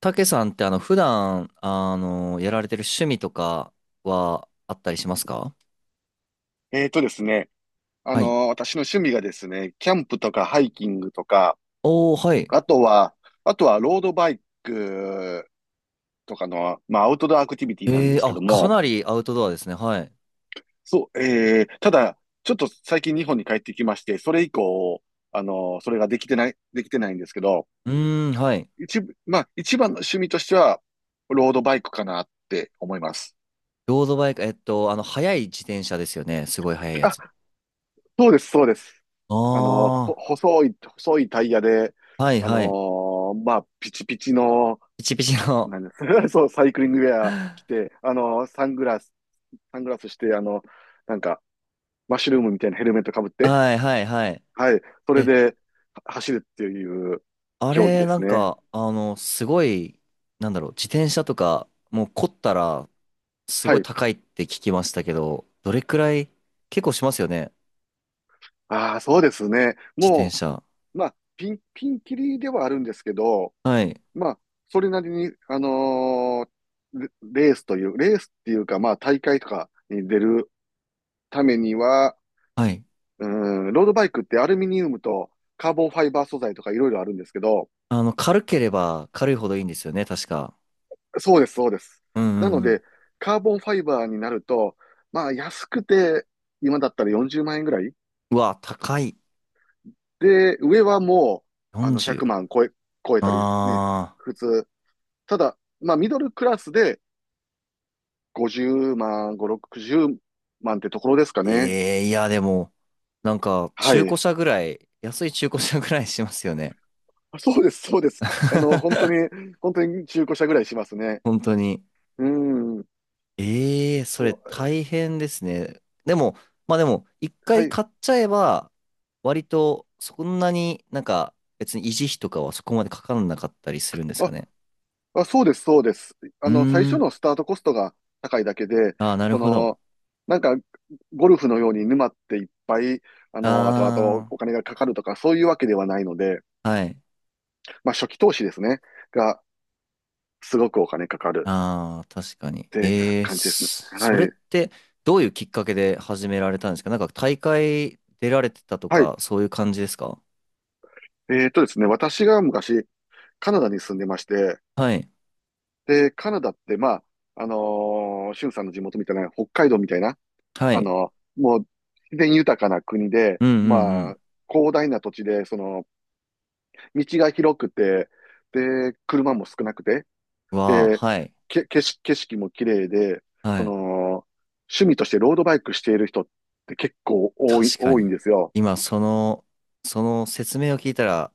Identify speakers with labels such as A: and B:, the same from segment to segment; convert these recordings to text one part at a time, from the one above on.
A: たけさんって普段やられてる趣味とかはあったりしますか？
B: えーとですね、
A: はい。
B: 私の趣味がですね、キャンプとかハイキングとか、
A: おー、はい。
B: あとは、あとはロードバイクとかの、まあ、アウトドアアクティビティなんですけ
A: あ、
B: ど
A: か
B: も。
A: なりアウトドアですね。はい。
B: そう、ただ、ちょっと最近日本に帰ってきまして、それ以降、それができてないんですけど、
A: うーん、はい。
B: 一部、まあ、一番の趣味としては、ロードバイクかなって思います。
A: ロードバイク、速い自転車ですよね。すごい速いやつ。
B: あ、そうです、そうです。あの、
A: あ
B: 細いタイヤで、
A: あ、はい、
B: あの
A: はい。
B: まあ、ピチピチの、
A: ピチピチの。
B: なんです。 そう、サイクリングウェア 着て、サングラスして、あの、なんか、マッシュルームみたいなヘルメットかぶって、
A: はい、はい、はい。
B: はい、それ
A: え、
B: では走るっていう
A: あ
B: 競技
A: れ、
B: で
A: な
B: す
A: ん
B: ね。
A: か、すごい、なんだろう、自転車とか、もう凝ったら、す
B: は
A: ごい
B: い。
A: 高いって聞きましたけど、どれくらい、結構しますよね。
B: ああ、そうですね。
A: 自転
B: も
A: 車。
B: う、まあ、ピンキリではあるんですけど、
A: はい。
B: まあ、それなりに、レレースという、レースっていうか、まあ、大会とかに出るためには、
A: はい。
B: うん、ロードバイクってアルミニウムとカーボンファイバー素材とかいろいろあるんですけど、
A: 軽ければ軽いほどいいんですよね、確か。
B: そうです、そうです。
A: うんう
B: なの
A: んうん。
B: で、カーボンファイバーになると、まあ、安くて、今だったら40万円ぐらい
A: うわ、高い。
B: で、上はもう、あの、
A: 40。
B: 100万超え、超えたりね、
A: あー。
B: 普通。ただ、まあ、ミドルクラスで50万、5、60万ってところですかね。
A: ええいや、でも、なんか、
B: は
A: 中古
B: い。
A: 車ぐらい、安い中古車ぐらいしますよね。
B: あ、そうです、そうです。あの、本当に、本当に中古車ぐらいしますね。
A: 本当に。
B: うん。
A: ええ、それ
B: そう。
A: 大変ですね。でも、まあでも、一
B: は
A: 回
B: い。
A: 買っちゃえば、割と、そんなになんか、別に維持費とかはそこまでかからなかったりするんですか
B: あ、
A: ね。
B: あ、そうです、そうです。あ
A: うー
B: の、最初
A: ん。
B: のスタートコストが高いだけで、
A: ああ、なる
B: そ
A: ほど。
B: の、なんか、ゴルフのように沼っていっぱい、あの、後々
A: あ
B: お金がかかるとか、そういうわけではないので、
A: あ、はい。
B: まあ、初期投資ですね、が、すごくお金かかる
A: ああ、確かに。
B: ってか
A: ええ、
B: 感じですね。
A: それ
B: は
A: っ
B: い。
A: てどういうきっかけで始められたんですか？なんか大会出られてたと
B: はい。
A: か、そういう感じですか？
B: ですね、私が昔、カナダに住んでまして、
A: はい。
B: で、カナダって、まあ、シュンさんの地元みたいな、北海道みたいな、
A: はい。
B: もう自然豊かな国で、
A: うんう
B: ま
A: ん
B: あ、広大な土地で、その、道が広くて、で、車も少なくて、
A: うん。わあ、
B: で、
A: はい。
B: 景色も綺麗で、
A: は
B: そ
A: い。
B: の、趣味としてロードバイクしている人って結構多い、
A: 確か
B: 多いん
A: に。
B: ですよ。
A: 今、その説明を聞いたら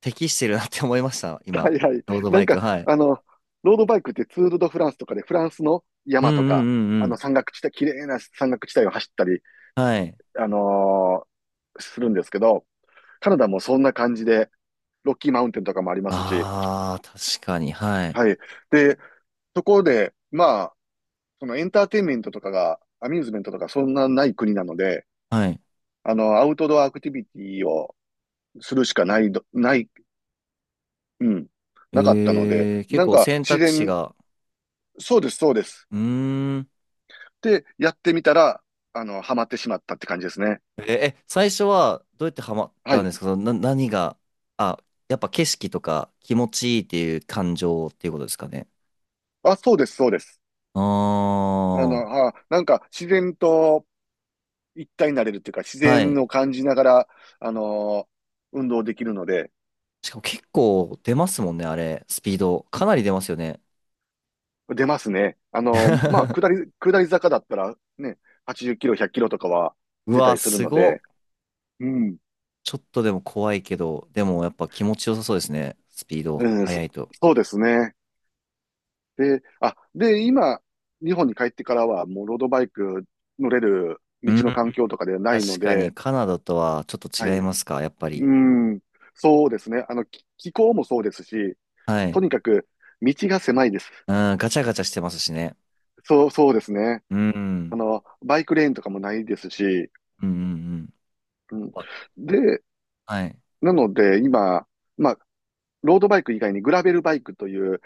A: 適してるなって思いました。
B: は
A: 今、
B: いはい。
A: ロード
B: な
A: バ
B: ん
A: イク。
B: か、
A: はい。
B: あの、ロードバイクってツール・ド・フランスとかで、フランスの
A: うんう
B: 山とか、
A: んうんう
B: あの
A: ん。
B: 山岳地帯、綺麗な山岳地帯を走ったり
A: はい。
B: あのーするんですけど、カナダもそんな感じで、ロッキーマウンテンとかもありますし、
A: ああ、確かに。はい。
B: はい。で、そこで、まあ、そのエンターテインメントとかが、アミューズメントとかそんなない国なので、
A: はい。
B: あの、アウトドアアクティビティをするしかないど、ない、うん、なかったので、
A: ええ、結
B: なん
A: 構
B: か
A: 選
B: 自
A: 択肢
B: 然、
A: が、
B: そうです、そうです。
A: うーん。
B: で、やってみたら、あの、ハマってしまったって感じですね。
A: え、え最初はどうやってハマっ
B: は
A: たん
B: い。
A: ですか？その何が、あ、やっぱ景色とか気持ちいいっていう感情っていうことですかね。
B: あ、そうです、そうです。
A: あ
B: あの、あ、なんか自然と、一体になれるっていうか、自
A: あ、は
B: 然
A: い。
B: を感じながら、あのー運動できるので、
A: しかも結構出ますもんね、あれ。スピード。かなり出ますよね。
B: 出ますね。まあ、下り坂だったら、ね、80キロ、100キロとかは
A: う
B: 出た
A: わ、
B: りする
A: す
B: の
A: ご
B: で、
A: っ。
B: うん、
A: ちょっとでも怖いけど、でもやっぱ気持ちよさそうですね。スピード、
B: うん、
A: 速いと。
B: そうですね。あ、で、今、日本に帰ってからは、もうロードバイク乗れる道
A: うん。
B: の環境とかではないの
A: 確か
B: で、
A: にカナダとはちょっ
B: はい。
A: と違いますか、やっぱ
B: う
A: り。
B: ん、そうですね。あの、気候もそうですし、
A: は
B: と
A: い。
B: にかく道が狭いです。
A: うん、ガチャガチャしてますしね。
B: そうですね。
A: う
B: あ
A: ん。
B: の、バイクレーンとかもないですし、
A: うんうんうん。
B: うん。
A: ま
B: で、
A: はい。
B: なので今、まあ、ロードバイク以外にグラベルバイクという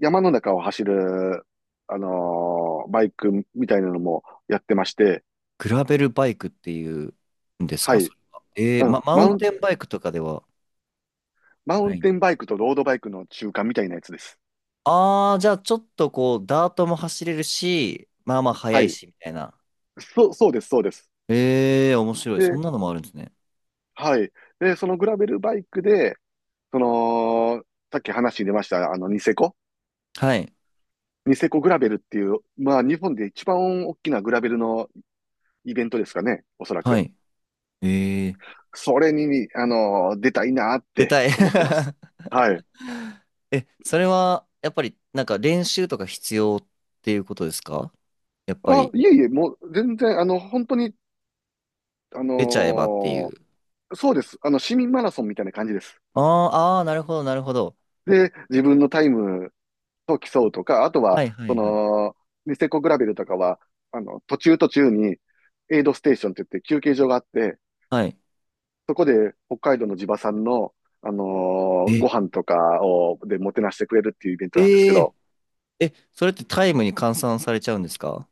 B: 山の中を走る、バイクみたいなのもやってまして、
A: グラベルバイクっていうんです
B: は
A: か、そ
B: い。
A: れは。
B: うん。
A: マウンテンバイクとかでは
B: マウ
A: な
B: ン
A: いね。
B: テンバイクとロードバイクの中間みたいなやつです。
A: ああ、じゃあちょっとこう、ダートも走れるし、まあまあ速
B: は
A: い
B: い。
A: し、みたいな。
B: そうです、そうです。
A: ええー、面白い。そん
B: で、
A: なのもあるんですね。
B: はい。で、そのグラベルバイクで、その、さっき話に出ました、あの、ニセコ。
A: はい。
B: ニセコグラベルっていう、まあ、日本で一番大きなグラベルのイベントですかね、おそら
A: は
B: く。
A: い。ええー。
B: それに、あの、出たいなっ
A: 出
B: て
A: たい。
B: 思ってます。はい。
A: え、それは、やっぱり、なんか練習とか必要っていうことですか？やっぱ
B: あ、
A: り、
B: いえいえ、もう全然、あの、本当に、あ
A: 出ちゃえばってい
B: の
A: う。
B: ーそうです。あの、市民マラソンみたいな感じです。
A: あーあー、なるほど、なるほど。
B: で、自分のタイムと競うとか、あとは、
A: はいは
B: そ
A: いはい。
B: の、ニセコグラベルとかは、あの、途中途中に、エイドステーションって言って休憩所があって、
A: はい。
B: そこで北海道の地場産の、あのご
A: え
B: 飯とかを、でもてなしてくれるっていうイベント
A: え
B: なんですけ
A: え
B: ど、
A: え、それってタイムに換算されちゃうんですか？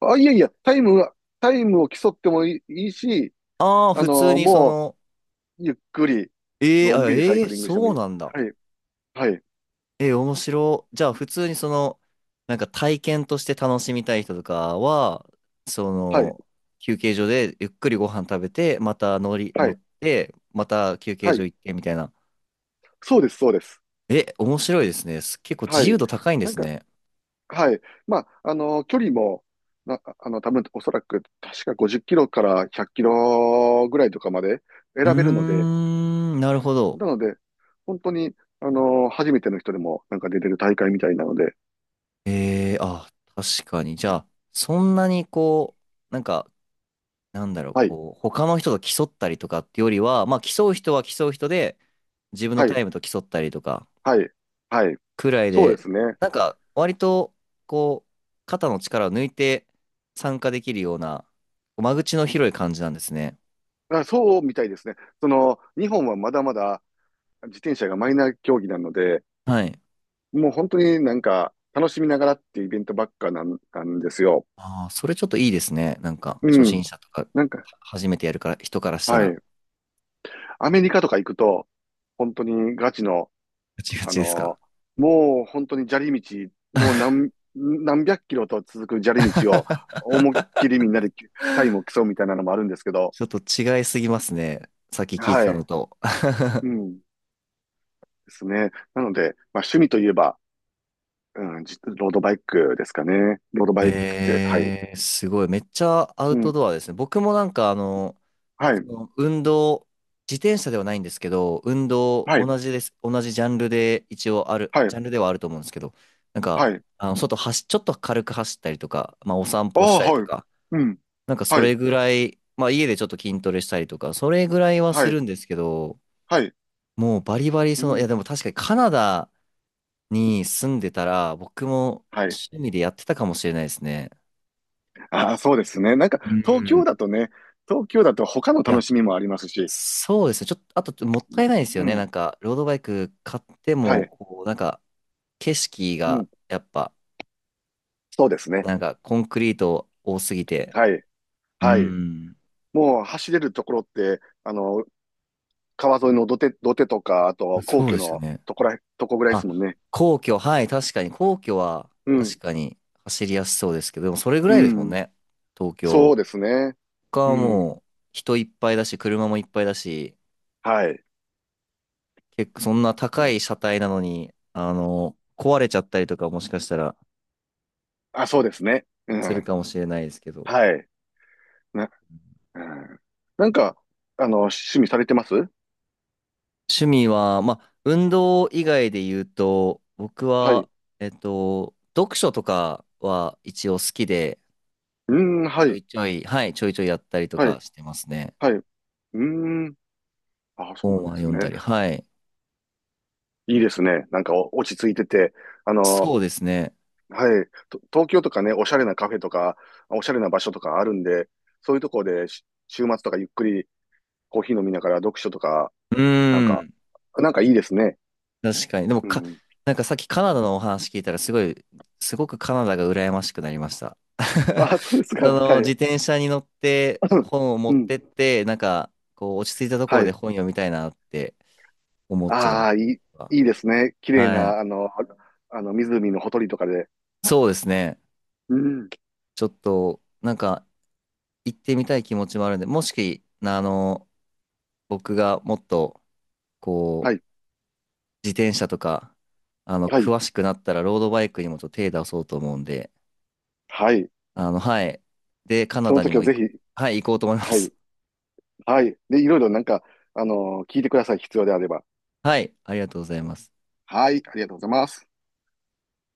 B: あ、いやいや、タイムを競ってもいい、いいし、
A: ああー、
B: あ
A: 普通
B: の、
A: にそ
B: も
A: の、
B: う、ゆっくり、
A: ええ、
B: のん
A: あ、
B: びりサ
A: え
B: イ
A: え、
B: クリングしても
A: そ
B: い
A: う
B: い。
A: なんだ。
B: はい、はい、
A: ええ、面白い。じゃあ、普通にその、なんか体験として楽しみたい人とかは、そ
B: はい、
A: の、休憩所でゆっくりご飯食べて、また乗り、
B: は
A: 乗
B: い、
A: って、また休憩
B: は
A: 所
B: い。
A: 行ってみたいな。
B: そうです、そうです。
A: え、面白いですね。結構
B: は
A: 自
B: い。
A: 由度高いんで
B: なん
A: す
B: か、
A: ね。
B: はい。まあ、あの、距離も、あの、多分、おそらく、確か50キロから100キロぐらいとかまで
A: う
B: 選べるので、
A: ーん、なるほど。
B: なので、本当に、あの、初めての人でも、なんか出れる大会みたいなので、
A: ええ、あ、確かに。じゃあ、そんなにこう、なんか、なんだろう、
B: はい、
A: こう、他の人と競ったりとかってよりは、まあ、競う人は競う人で、自分の
B: は
A: タ
B: い、
A: イムと競ったりとか、
B: はい、はい。
A: くらい
B: そうで
A: で、
B: すね。
A: なんか、割と、こう、肩の力を抜いて参加できるような、間口の広い感じなんですね。
B: あ、そうみたいですね。その、日本はまだまだ自転車がマイナー競技なので、
A: はい。
B: もう本当になんか楽しみながらっていうイベントばっかなん、なんですよ。
A: ああ、それちょっといいですね。なんか、初
B: うん。
A: 心者とか、は
B: なんか、
A: 初めてやるから、人からした
B: は
A: ら、
B: い。アメリカとか行くと、本当にガチの、
A: ガチガ
B: あ
A: チですか？
B: のもう本当に砂利道、もう何、何百キロと続く砂利道を思いっきりみんなでタイムを競うみたいなのもあるんですけど、
A: ちょっと違いすぎますね。さっき聞いて
B: は
A: たの
B: い。
A: と。
B: うん。ですね。なので、まあ趣味といえば、うん、ロードバイクですかね。ロードバイク、はい。
A: すごい。めっちゃアウ
B: う
A: ト
B: ん、
A: ドアですね。僕もなんか、
B: は
A: そ
B: い、
A: の運動、自転車ではないんですけど、運動、
B: はい、
A: 同じです。同じジャンルで一応ある、
B: はい、
A: ジャンルではあると思うんですけど、なんか、
B: はい。
A: ちょっと軽く走ったりとか、まあ、お散
B: あ
A: 歩し
B: あ、
A: たりと
B: はい。
A: か、
B: うん、
A: なんかそ
B: は
A: れ
B: い、
A: ぐらい、まあ、家でちょっと筋トレしたりとか、それぐらいは
B: は
A: す
B: い、
A: るんですけど、
B: はい。
A: もうバリバリ、
B: う
A: その、い
B: ん、
A: や、でも確かにカナダに住んでたら、僕も
B: はい。
A: 趣味でやってたかもしれないですね。
B: ああ、そうですね。なんか、
A: う
B: 東京
A: ん。
B: だとね、東京だと他の
A: い
B: 楽
A: や、
B: しみもありますし、
A: そうですね。ちょっと、あと、もったいないですよ
B: う
A: ね。な
B: ん、
A: んか、ロードバイク買って
B: は
A: も、
B: い、
A: こう、なんか、景色
B: う
A: が、
B: ん、
A: やっぱ、
B: そうですね。
A: なんか、コンクリート多すぎて。
B: はい、
A: う
B: はい。
A: ん。
B: もう走れるところって、あの、川沿いの土手とか、あと皇
A: そう
B: 居
A: ですよ
B: の
A: ね。
B: とこぐらいです
A: あ、
B: もんね。
A: 皇居、はい、確かに。皇居は、
B: う
A: 確
B: ん、
A: かに、走りやすそうですけど、でも、それぐ
B: う
A: らいですもん
B: ん、
A: ね。東
B: そう
A: 京。
B: ですね。
A: 他
B: う
A: はも
B: ん、
A: う、人いっぱいだし、車もいっぱいだし、
B: はい。
A: 結構、そんな高い車体なのに、壊れちゃったりとか、もしかしたら、
B: あ、そうですね。う
A: する
B: ん。
A: かもしれないですけど。
B: はい。な、うん。なんか、あの、趣味されてます。
A: 趣味は、まあ、運動以外で言うと、僕
B: はい。
A: は、
B: う
A: 読書とかは一応好きで、
B: ーん、は
A: ちょ
B: い。
A: いちょい、はい、ちょいちょいやったりと
B: は
A: か
B: い。
A: してますね。
B: はい。うーん。あ、そうな
A: 本
B: んで
A: は
B: す
A: 読んだ
B: ね。
A: り、はい。
B: いいですね。なんかお落ち着いてて、あの、
A: そうですね。
B: はい。と東京とかね、おしゃれなカフェとか、おしゃれな場所とかあるんで、そういうところで週末とかゆっくりコーヒー飲みながら読書とか、
A: う
B: なん
A: ー
B: か、
A: ん、
B: なんかいいですね。
A: 確かに。でも
B: う
A: か、
B: ん。
A: なんかさっきカナダのお話聞いたら、すごくカナダが羨ましくなりました。
B: あ、そうですか。
A: その
B: は
A: 自
B: い。
A: 転車に乗って
B: うん。
A: 本を持
B: う
A: っ
B: ん。
A: てって、なんかこう落ち着いたとこ
B: は
A: ろで
B: い。
A: 本読みたいなって思っちゃいま
B: あ
A: す。
B: あ、いい、いいですね。綺麗
A: はい。
B: な、あの、あの、湖のほとりとかで。
A: そうですね。
B: うん。
A: ちょっと、なんか、行ってみたい気持ちもあるんで、もし、僕がもっと、
B: は
A: こう、
B: い、
A: 自転車とか、
B: はい、
A: 詳しくなったら、ロードバイクにもちょっと手出そうと思うんで、
B: はい。
A: はい。で、カナ
B: その
A: ダに
B: 時
A: も
B: は
A: 行
B: ぜ
A: く、
B: ひ、
A: はい、行こうと思いま
B: はい、
A: す。
B: はい。で、いろいろなんか、あの、聞いてください。必要であれば。
A: はい、ありがとうございます。
B: はい、ありがとうございます。